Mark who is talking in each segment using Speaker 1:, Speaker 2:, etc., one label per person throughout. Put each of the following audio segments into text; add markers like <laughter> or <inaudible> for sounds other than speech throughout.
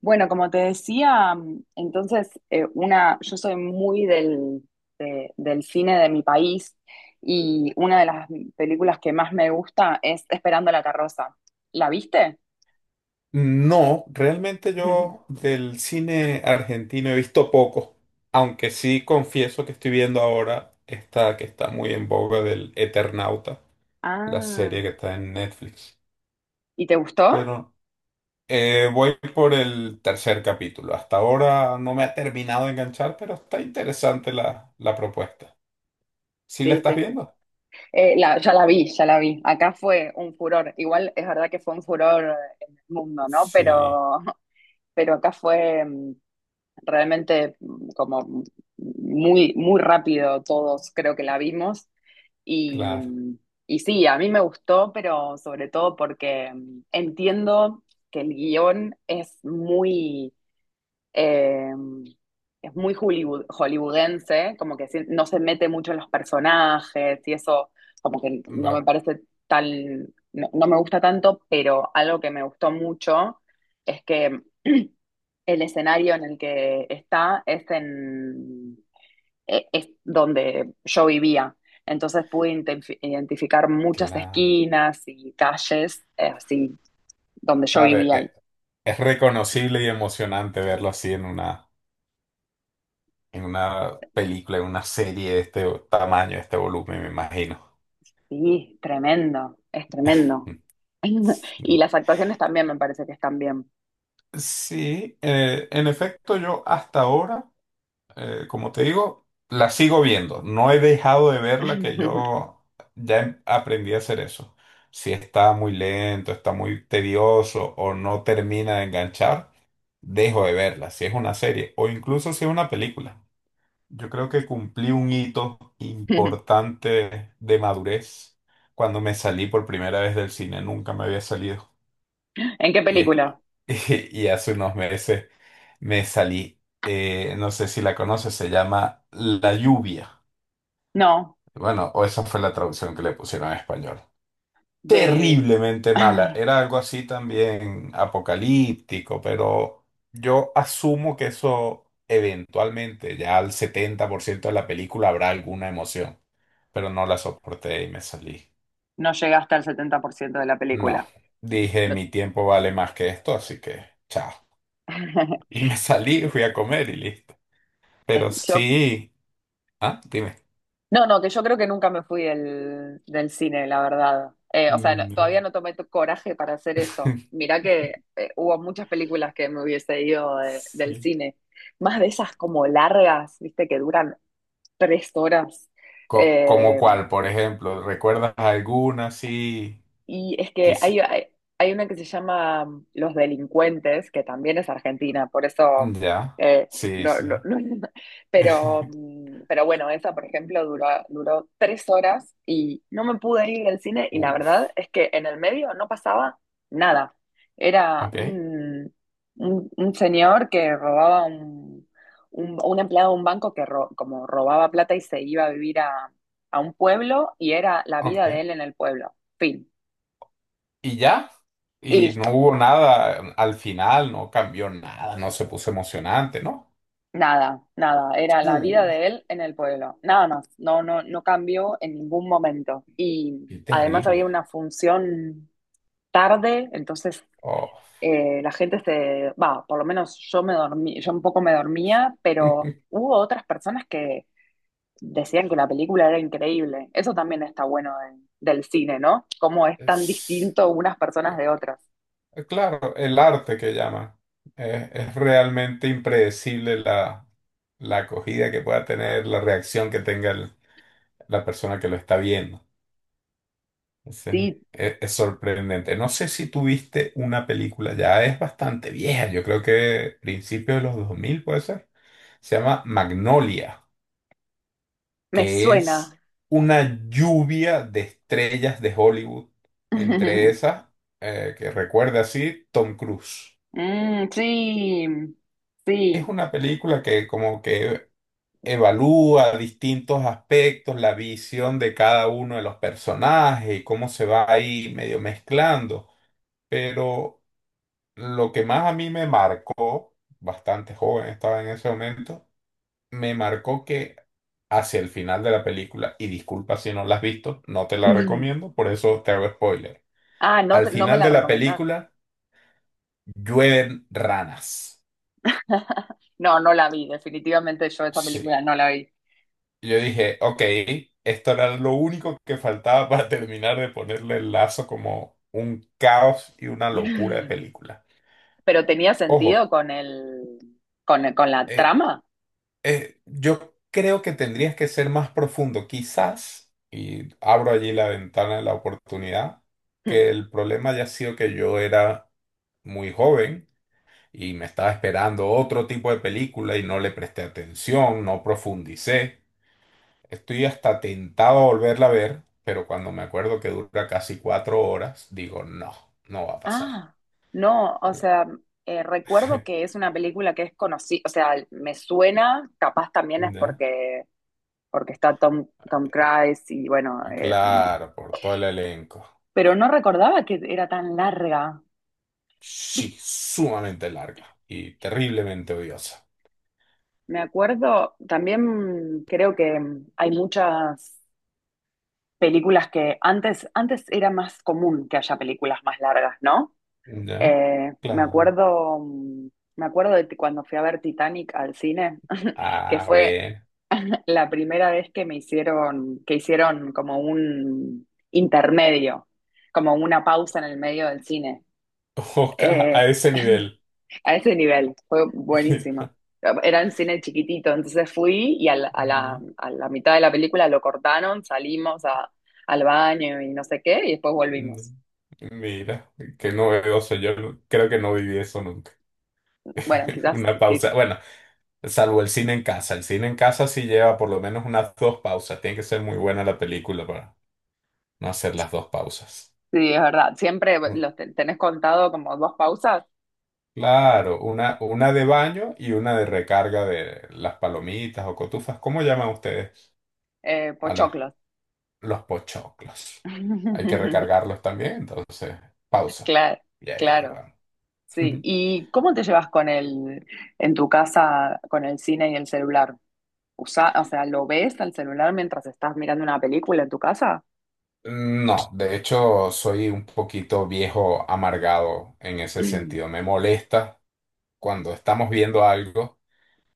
Speaker 1: Bueno, como te decía, entonces yo soy muy del cine de mi país y una de las películas que más me gusta es Esperando la carroza. ¿La viste?
Speaker 2: No, realmente yo
Speaker 1: <laughs>
Speaker 2: del cine argentino he visto poco, aunque sí confieso que estoy viendo ahora esta que está muy en boga del Eternauta, la
Speaker 1: Ah,
Speaker 2: serie que está en Netflix.
Speaker 1: ¿y te gustó?
Speaker 2: Pero voy por el tercer capítulo. Hasta ahora no me ha terminado de enganchar, pero está interesante la propuesta. ¿Sí
Speaker 1: Sí,
Speaker 2: la estás viendo?
Speaker 1: Ya la vi, ya la vi. Acá fue un furor. Igual es verdad que fue un furor en el mundo, ¿no?
Speaker 2: Sí,
Speaker 1: Pero acá fue realmente, como muy, muy rápido todos creo que la vimos. Y,
Speaker 2: claro.
Speaker 1: mm, y sí, a mí me gustó, pero sobre todo porque entiendo que el guión es eh, muy hollywoodense, como que no se mete mucho en los personajes y eso como que no me
Speaker 2: Va-
Speaker 1: parece tan, no, no me gusta tanto, pero algo que me gustó mucho es que <clears throat> el escenario en el que está es donde yo vivía. Entonces pude identificar muchas
Speaker 2: cla-
Speaker 1: esquinas y calles, así, donde yo
Speaker 2: claro, e-
Speaker 1: vivía.
Speaker 2: e, es reconocible y emocionante verlo así en una en una película, en una serie de este tamaño, de este volumen, me imagino.
Speaker 1: Sí, tremendo, es tremendo. <laughs> Y
Speaker 2: Sí,
Speaker 1: las actuaciones también me parece que están bien.
Speaker 2: sí, en efecto, yo hasta ahora, como te digo, la sigo viendo. No he dejado de verla, que
Speaker 1: <laughs>
Speaker 2: yo ya aprendí a hacer eso. Si está muy lento, está muy tedioso o no termina de enganchar, dejo de verla. Si es una serie o incluso si es una película. Yo creo que cumplí un hito importante de madurez cuando me salí por primera vez del cine. Nunca me había salido.
Speaker 1: ¿En qué
Speaker 2: Y, es-
Speaker 1: película?
Speaker 2: <laughs> y hace unos meses me salí. No sé si la conoces, se llama La Lluvia.
Speaker 1: No,
Speaker 2: Bueno, o esa fue la traducción que le pusieron en español,
Speaker 1: de... <laughs>
Speaker 2: terriblemente
Speaker 1: <sighs>
Speaker 2: mala. Era algo así también apocalíptico, pero yo asumo que eso eventualmente, ya al 70% de la película habrá alguna emoción, pero no la soporté y me salí.
Speaker 1: No llegué hasta el ciento de la
Speaker 2: No,
Speaker 1: película.
Speaker 2: dije:
Speaker 1: No.
Speaker 2: mi tiempo vale más que esto, así que chao. Y
Speaker 1: <laughs>
Speaker 2: me salí, fui a comer y listo.
Speaker 1: Eh,
Speaker 2: Pero
Speaker 1: Yo,
Speaker 2: sí, ah, dime.
Speaker 1: no, no, que yo creo que nunca me fui del cine, la verdad. O sea,
Speaker 2: Mm.
Speaker 1: todavía no tomé coraje para hacer eso.
Speaker 2: <laughs>
Speaker 1: Mirá que hubo muchas películas que me hubiese ido del
Speaker 2: Sí.
Speaker 1: cine. Más de esas como largas, viste, que duran 3 horas.
Speaker 2: Como
Speaker 1: eh,
Speaker 2: cuál, por ejemplo, ¿recuerdas alguna así?
Speaker 1: Y es que hay una que se llama Los Delincuentes, que también es argentina, por eso,
Speaker 2: Ya,
Speaker 1: eh,
Speaker 2: sí,
Speaker 1: no,
Speaker 2: sí.
Speaker 1: no, <laughs> pero,
Speaker 2: <laughs>
Speaker 1: mm, pero bueno, esa, por ejemplo, duró 3 horas y no me pude ir del cine y la verdad
Speaker 2: Uf,
Speaker 1: es que en el medio no pasaba nada. Era
Speaker 2: ok,
Speaker 1: un señor que robaba, un empleado de un banco que como robaba plata y se iba a vivir a un pueblo y era la vida de
Speaker 2: ok.
Speaker 1: él en el pueblo. Fin.
Speaker 2: Y ya,
Speaker 1: Y
Speaker 2: y no
Speaker 1: listo.
Speaker 2: hubo nada al final, no cambió nada, no se puso emocionante, ¿no?
Speaker 1: Nada, nada. Era la vida
Speaker 2: Uh,
Speaker 1: de él en el pueblo. Nada más. No, no, no cambió en ningún momento. Y
Speaker 2: qué
Speaker 1: además había
Speaker 2: terrible.
Speaker 1: una función tarde, entonces
Speaker 2: Oh.
Speaker 1: la gente se va, por lo menos yo me dormí, yo un poco me dormía, pero
Speaker 2: <laughs>
Speaker 1: hubo otras personas que decían que la película era increíble. Eso también está bueno del cine, ¿no? ¿Cómo es tan
Speaker 2: Es-
Speaker 1: distinto unas personas de otras?
Speaker 2: claro, el arte que llaman. Es realmente impredecible la acogida que pueda tener, la reacción que tenga la persona que lo está viendo. Sí,
Speaker 1: Sí,
Speaker 2: es sorprendente. No sé si tuviste una película, ya es bastante vieja, yo creo que principio de los 2000 puede ser. Se llama Magnolia,
Speaker 1: me
Speaker 2: que es
Speaker 1: suena.
Speaker 2: una lluvia de estrellas de Hollywood. Entre
Speaker 1: <laughs>
Speaker 2: esas, que recuerda así, Tom Cruise.
Speaker 1: Mm, sí,
Speaker 2: Es
Speaker 1: sí.
Speaker 2: una película que como que evalúa distintos aspectos, la visión de cada uno de los personajes y cómo se va ahí medio mezclando. Pero lo que más a mí me marcó, bastante joven estaba en ese momento, me marcó que hacia el final de la película, y disculpa si no la has visto, no te
Speaker 1: <laughs>
Speaker 2: la
Speaker 1: Mm.
Speaker 2: recomiendo, por eso te hago spoiler.
Speaker 1: Ah, no,
Speaker 2: Al
Speaker 1: no me
Speaker 2: final
Speaker 1: la
Speaker 2: de la
Speaker 1: recomendás.
Speaker 2: película llueven ranas.
Speaker 1: <laughs> No, no la vi, definitivamente yo esta
Speaker 2: Sí.
Speaker 1: película no la vi. <laughs>
Speaker 2: Yo dije, ok, esto era lo único que faltaba para terminar de ponerle el lazo como un caos y una locura de
Speaker 1: Mm.
Speaker 2: película.
Speaker 1: Pero tenía sentido
Speaker 2: Ojo,
Speaker 1: con la
Speaker 2: e-
Speaker 1: trama.
Speaker 2: Yo creo que tendrías que ser más profundo, quizás, y abro allí la ventana de la oportunidad,
Speaker 1: Mm.
Speaker 2: que
Speaker 1: <laughs>
Speaker 2: el problema haya sido que yo era muy joven y me estaba esperando otro tipo de película y no le presté atención, no profundicé. Estoy hasta tentado a volverla a ver, pero cuando me acuerdo que dura casi 4 horas, digo, no, no va a pasar.
Speaker 1: Ah, no, o sea, recuerdo que
Speaker 2: <laughs>
Speaker 1: es una película que es conocida, o sea, me suena, capaz también es
Speaker 2: ¿Ya?
Speaker 1: porque está Tom Cruise y bueno,
Speaker 2: Claro, por todo el elenco.
Speaker 1: pero no recordaba que era tan larga.
Speaker 2: Sí, sumamente larga y terriblemente odiosa.
Speaker 1: Me acuerdo, también creo que hay muchas películas que antes era más común que haya películas más largas, ¿no?
Speaker 2: ¿Ya?
Speaker 1: Eh, me
Speaker 2: Claro.
Speaker 1: acuerdo, mm, me acuerdo cuando fui a ver Titanic al cine, <laughs> que
Speaker 2: Ah,
Speaker 1: fue
Speaker 2: bueno.
Speaker 1: <laughs> la primera vez que hicieron como un intermedio, como una pausa en el medio del cine.
Speaker 2: <laughs> Oca,
Speaker 1: Eh,
Speaker 2: a ese
Speaker 1: <laughs>
Speaker 2: nivel.
Speaker 1: A ese nivel, fue
Speaker 2: <laughs>
Speaker 1: buenísimo. Era un cine chiquitito, entonces fui y a la mitad de la película lo cortaron, salimos al baño y no sé qué, y después volvimos.
Speaker 2: Mira, qué novedoso. Yo no, creo que no viví eso nunca.
Speaker 1: Bueno,
Speaker 2: <laughs>
Speaker 1: quizás,
Speaker 2: Una pausa. Bueno, salvo el cine en casa. El cine en casa sí lleva por lo menos unas dos pausas. Tiene que ser muy buena la película para no hacer las dos pausas.
Speaker 1: sí, es verdad. Siempre
Speaker 2: Mm,
Speaker 1: los tenés contado como dos pausas,
Speaker 2: claro, una de baño y una de recarga de las palomitas o cotufas. ¿Cómo llaman ustedes? a las-
Speaker 1: pochoclos.
Speaker 2: los pochoclos. Hay que
Speaker 1: <laughs>
Speaker 2: recargarlos también, entonces pausa.
Speaker 1: Claro,
Speaker 2: Y ahí
Speaker 1: claro,
Speaker 2: vamos.
Speaker 1: sí.
Speaker 2: <laughs>
Speaker 1: ¿Y cómo te llevas en tu casa, con el cine y el celular? O sea, ¿lo ves al celular mientras estás mirando una película en tu casa?
Speaker 2: No, de hecho soy un poquito viejo amargado en ese sentido.
Speaker 1: <clears throat>
Speaker 2: Me molesta cuando estamos viendo algo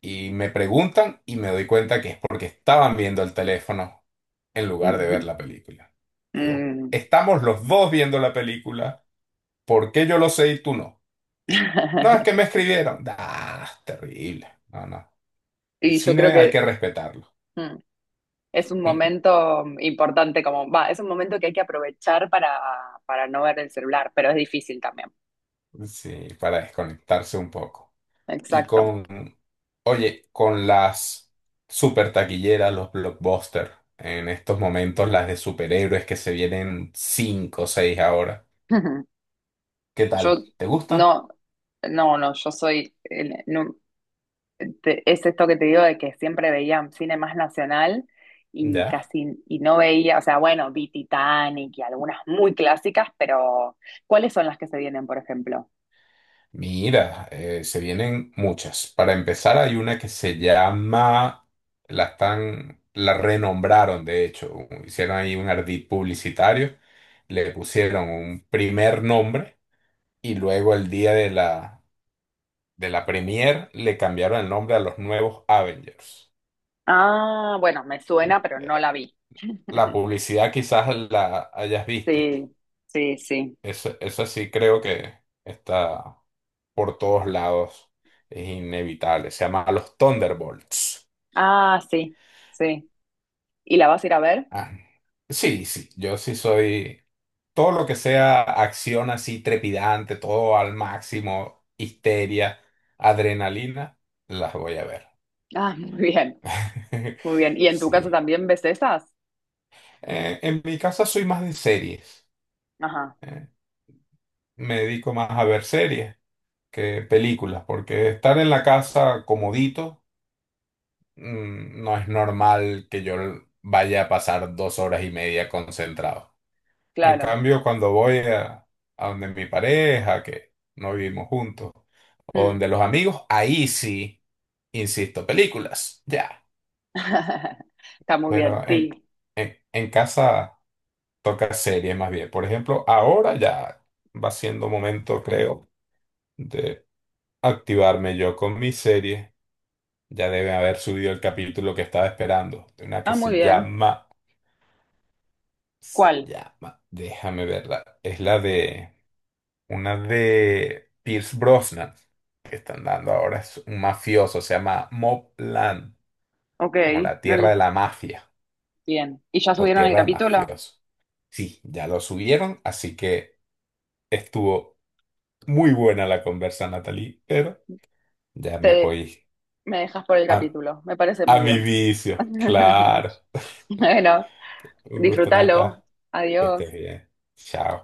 Speaker 2: y me preguntan y me doy cuenta que es porque estaban viendo el teléfono en lugar de ver
Speaker 1: Ujú.
Speaker 2: la película. Digo,
Speaker 1: Mm.
Speaker 2: estamos los dos viendo la película, ¿por qué yo lo sé y tú no? No, es que me
Speaker 1: <laughs>
Speaker 2: escribieron. Ah, terrible. No, no. El
Speaker 1: Y yo creo
Speaker 2: cine hay que
Speaker 1: que
Speaker 2: respetarlo.
Speaker 1: mm, es un
Speaker 2: <laughs>
Speaker 1: momento importante, como va, es un momento que hay que aprovechar para no ver el celular, pero es difícil también.
Speaker 2: Sí, para desconectarse un poco. Y
Speaker 1: Exacto.
Speaker 2: con, oye, con las super taquilleras, los blockbusters, en estos momentos las de superhéroes que se vienen cinco o seis ahora.
Speaker 1: <laughs>
Speaker 2: ¿Qué
Speaker 1: Yo
Speaker 2: tal? ¿Te gustan?
Speaker 1: no, no, no, yo soy, no, es esto que te digo de que siempre veía cine más nacional y
Speaker 2: ¿Ya?
Speaker 1: y no veía, o sea, bueno, vi Titanic y algunas muy clásicas, pero ¿cuáles son las que se vienen, por ejemplo?
Speaker 2: Mira, se vienen muchas. Para empezar, hay una que se llama, la están, la renombraron, de hecho, hicieron ahí un ardid publicitario, le pusieron un primer nombre y luego el día de la premier le cambiaron el nombre a los nuevos Avengers.
Speaker 1: Ah, bueno, me
Speaker 2: Mm,
Speaker 1: suena, pero no
Speaker 2: eh,
Speaker 1: la vi.
Speaker 2: La
Speaker 1: <laughs>
Speaker 2: publicidad quizás la hayas visto.
Speaker 1: Sí, sí, sí.
Speaker 2: Eso sí creo que está por todos lados. Es inevitable. Se llama los Thunderbolts.
Speaker 1: Ah, sí, sí. ¿Y la vas a ir a ver?
Speaker 2: Ah, sí, sí, yo sí soy todo lo que sea acción así trepidante, todo al máximo, histeria, adrenalina, las voy a ver.
Speaker 1: Ah, <laughs> muy bien, muy
Speaker 2: <laughs>
Speaker 1: bien. ¿Y en tu caso
Speaker 2: Sí.
Speaker 1: también ves esas?
Speaker 2: En mi casa soy más de series.
Speaker 1: Ajá,
Speaker 2: eh, Me dedico más a ver series que películas, porque estar en la casa comodito, no es normal que yo vaya a pasar 2 horas y media concentrado. En
Speaker 1: claro.
Speaker 2: cambio, cuando voy a donde mi pareja, que no vivimos juntos, o
Speaker 1: Mm.
Speaker 2: donde los amigos, ahí sí, insisto, películas, ya.
Speaker 1: <laughs> Está muy bien,
Speaker 2: Pero
Speaker 1: sí.
Speaker 2: en, en casa toca series más bien. Por ejemplo, ahora ya va siendo momento, creo, de activarme yo con mi serie. Ya debe haber subido el capítulo que estaba esperando. De una que
Speaker 1: Ah, muy
Speaker 2: se
Speaker 1: bien.
Speaker 2: llama,
Speaker 1: ¿Cuál?
Speaker 2: déjame verla. Es la de una de Pierce Brosnan que están dando ahora. Es un mafioso, se llama Mobland,
Speaker 1: Ok,
Speaker 2: como la tierra de la mafia
Speaker 1: bien. ¿Y ya
Speaker 2: o
Speaker 1: subieron el
Speaker 2: tierra de
Speaker 1: capítulo?
Speaker 2: mafiosos. Sí, ya lo subieron, así que estuvo muy buena la conversa, Natalie, pero ya me
Speaker 1: Te,
Speaker 2: voy
Speaker 1: Me dejas por el
Speaker 2: a,
Speaker 1: capítulo, me parece muy
Speaker 2: a mi
Speaker 1: bien.
Speaker 2: vicio.
Speaker 1: <laughs>
Speaker 2: Claro. <laughs>
Speaker 1: Bueno,
Speaker 2: Un gusto,
Speaker 1: disfrútalo.
Speaker 2: Nata. Que estés
Speaker 1: Adiós.
Speaker 2: bien. Chao.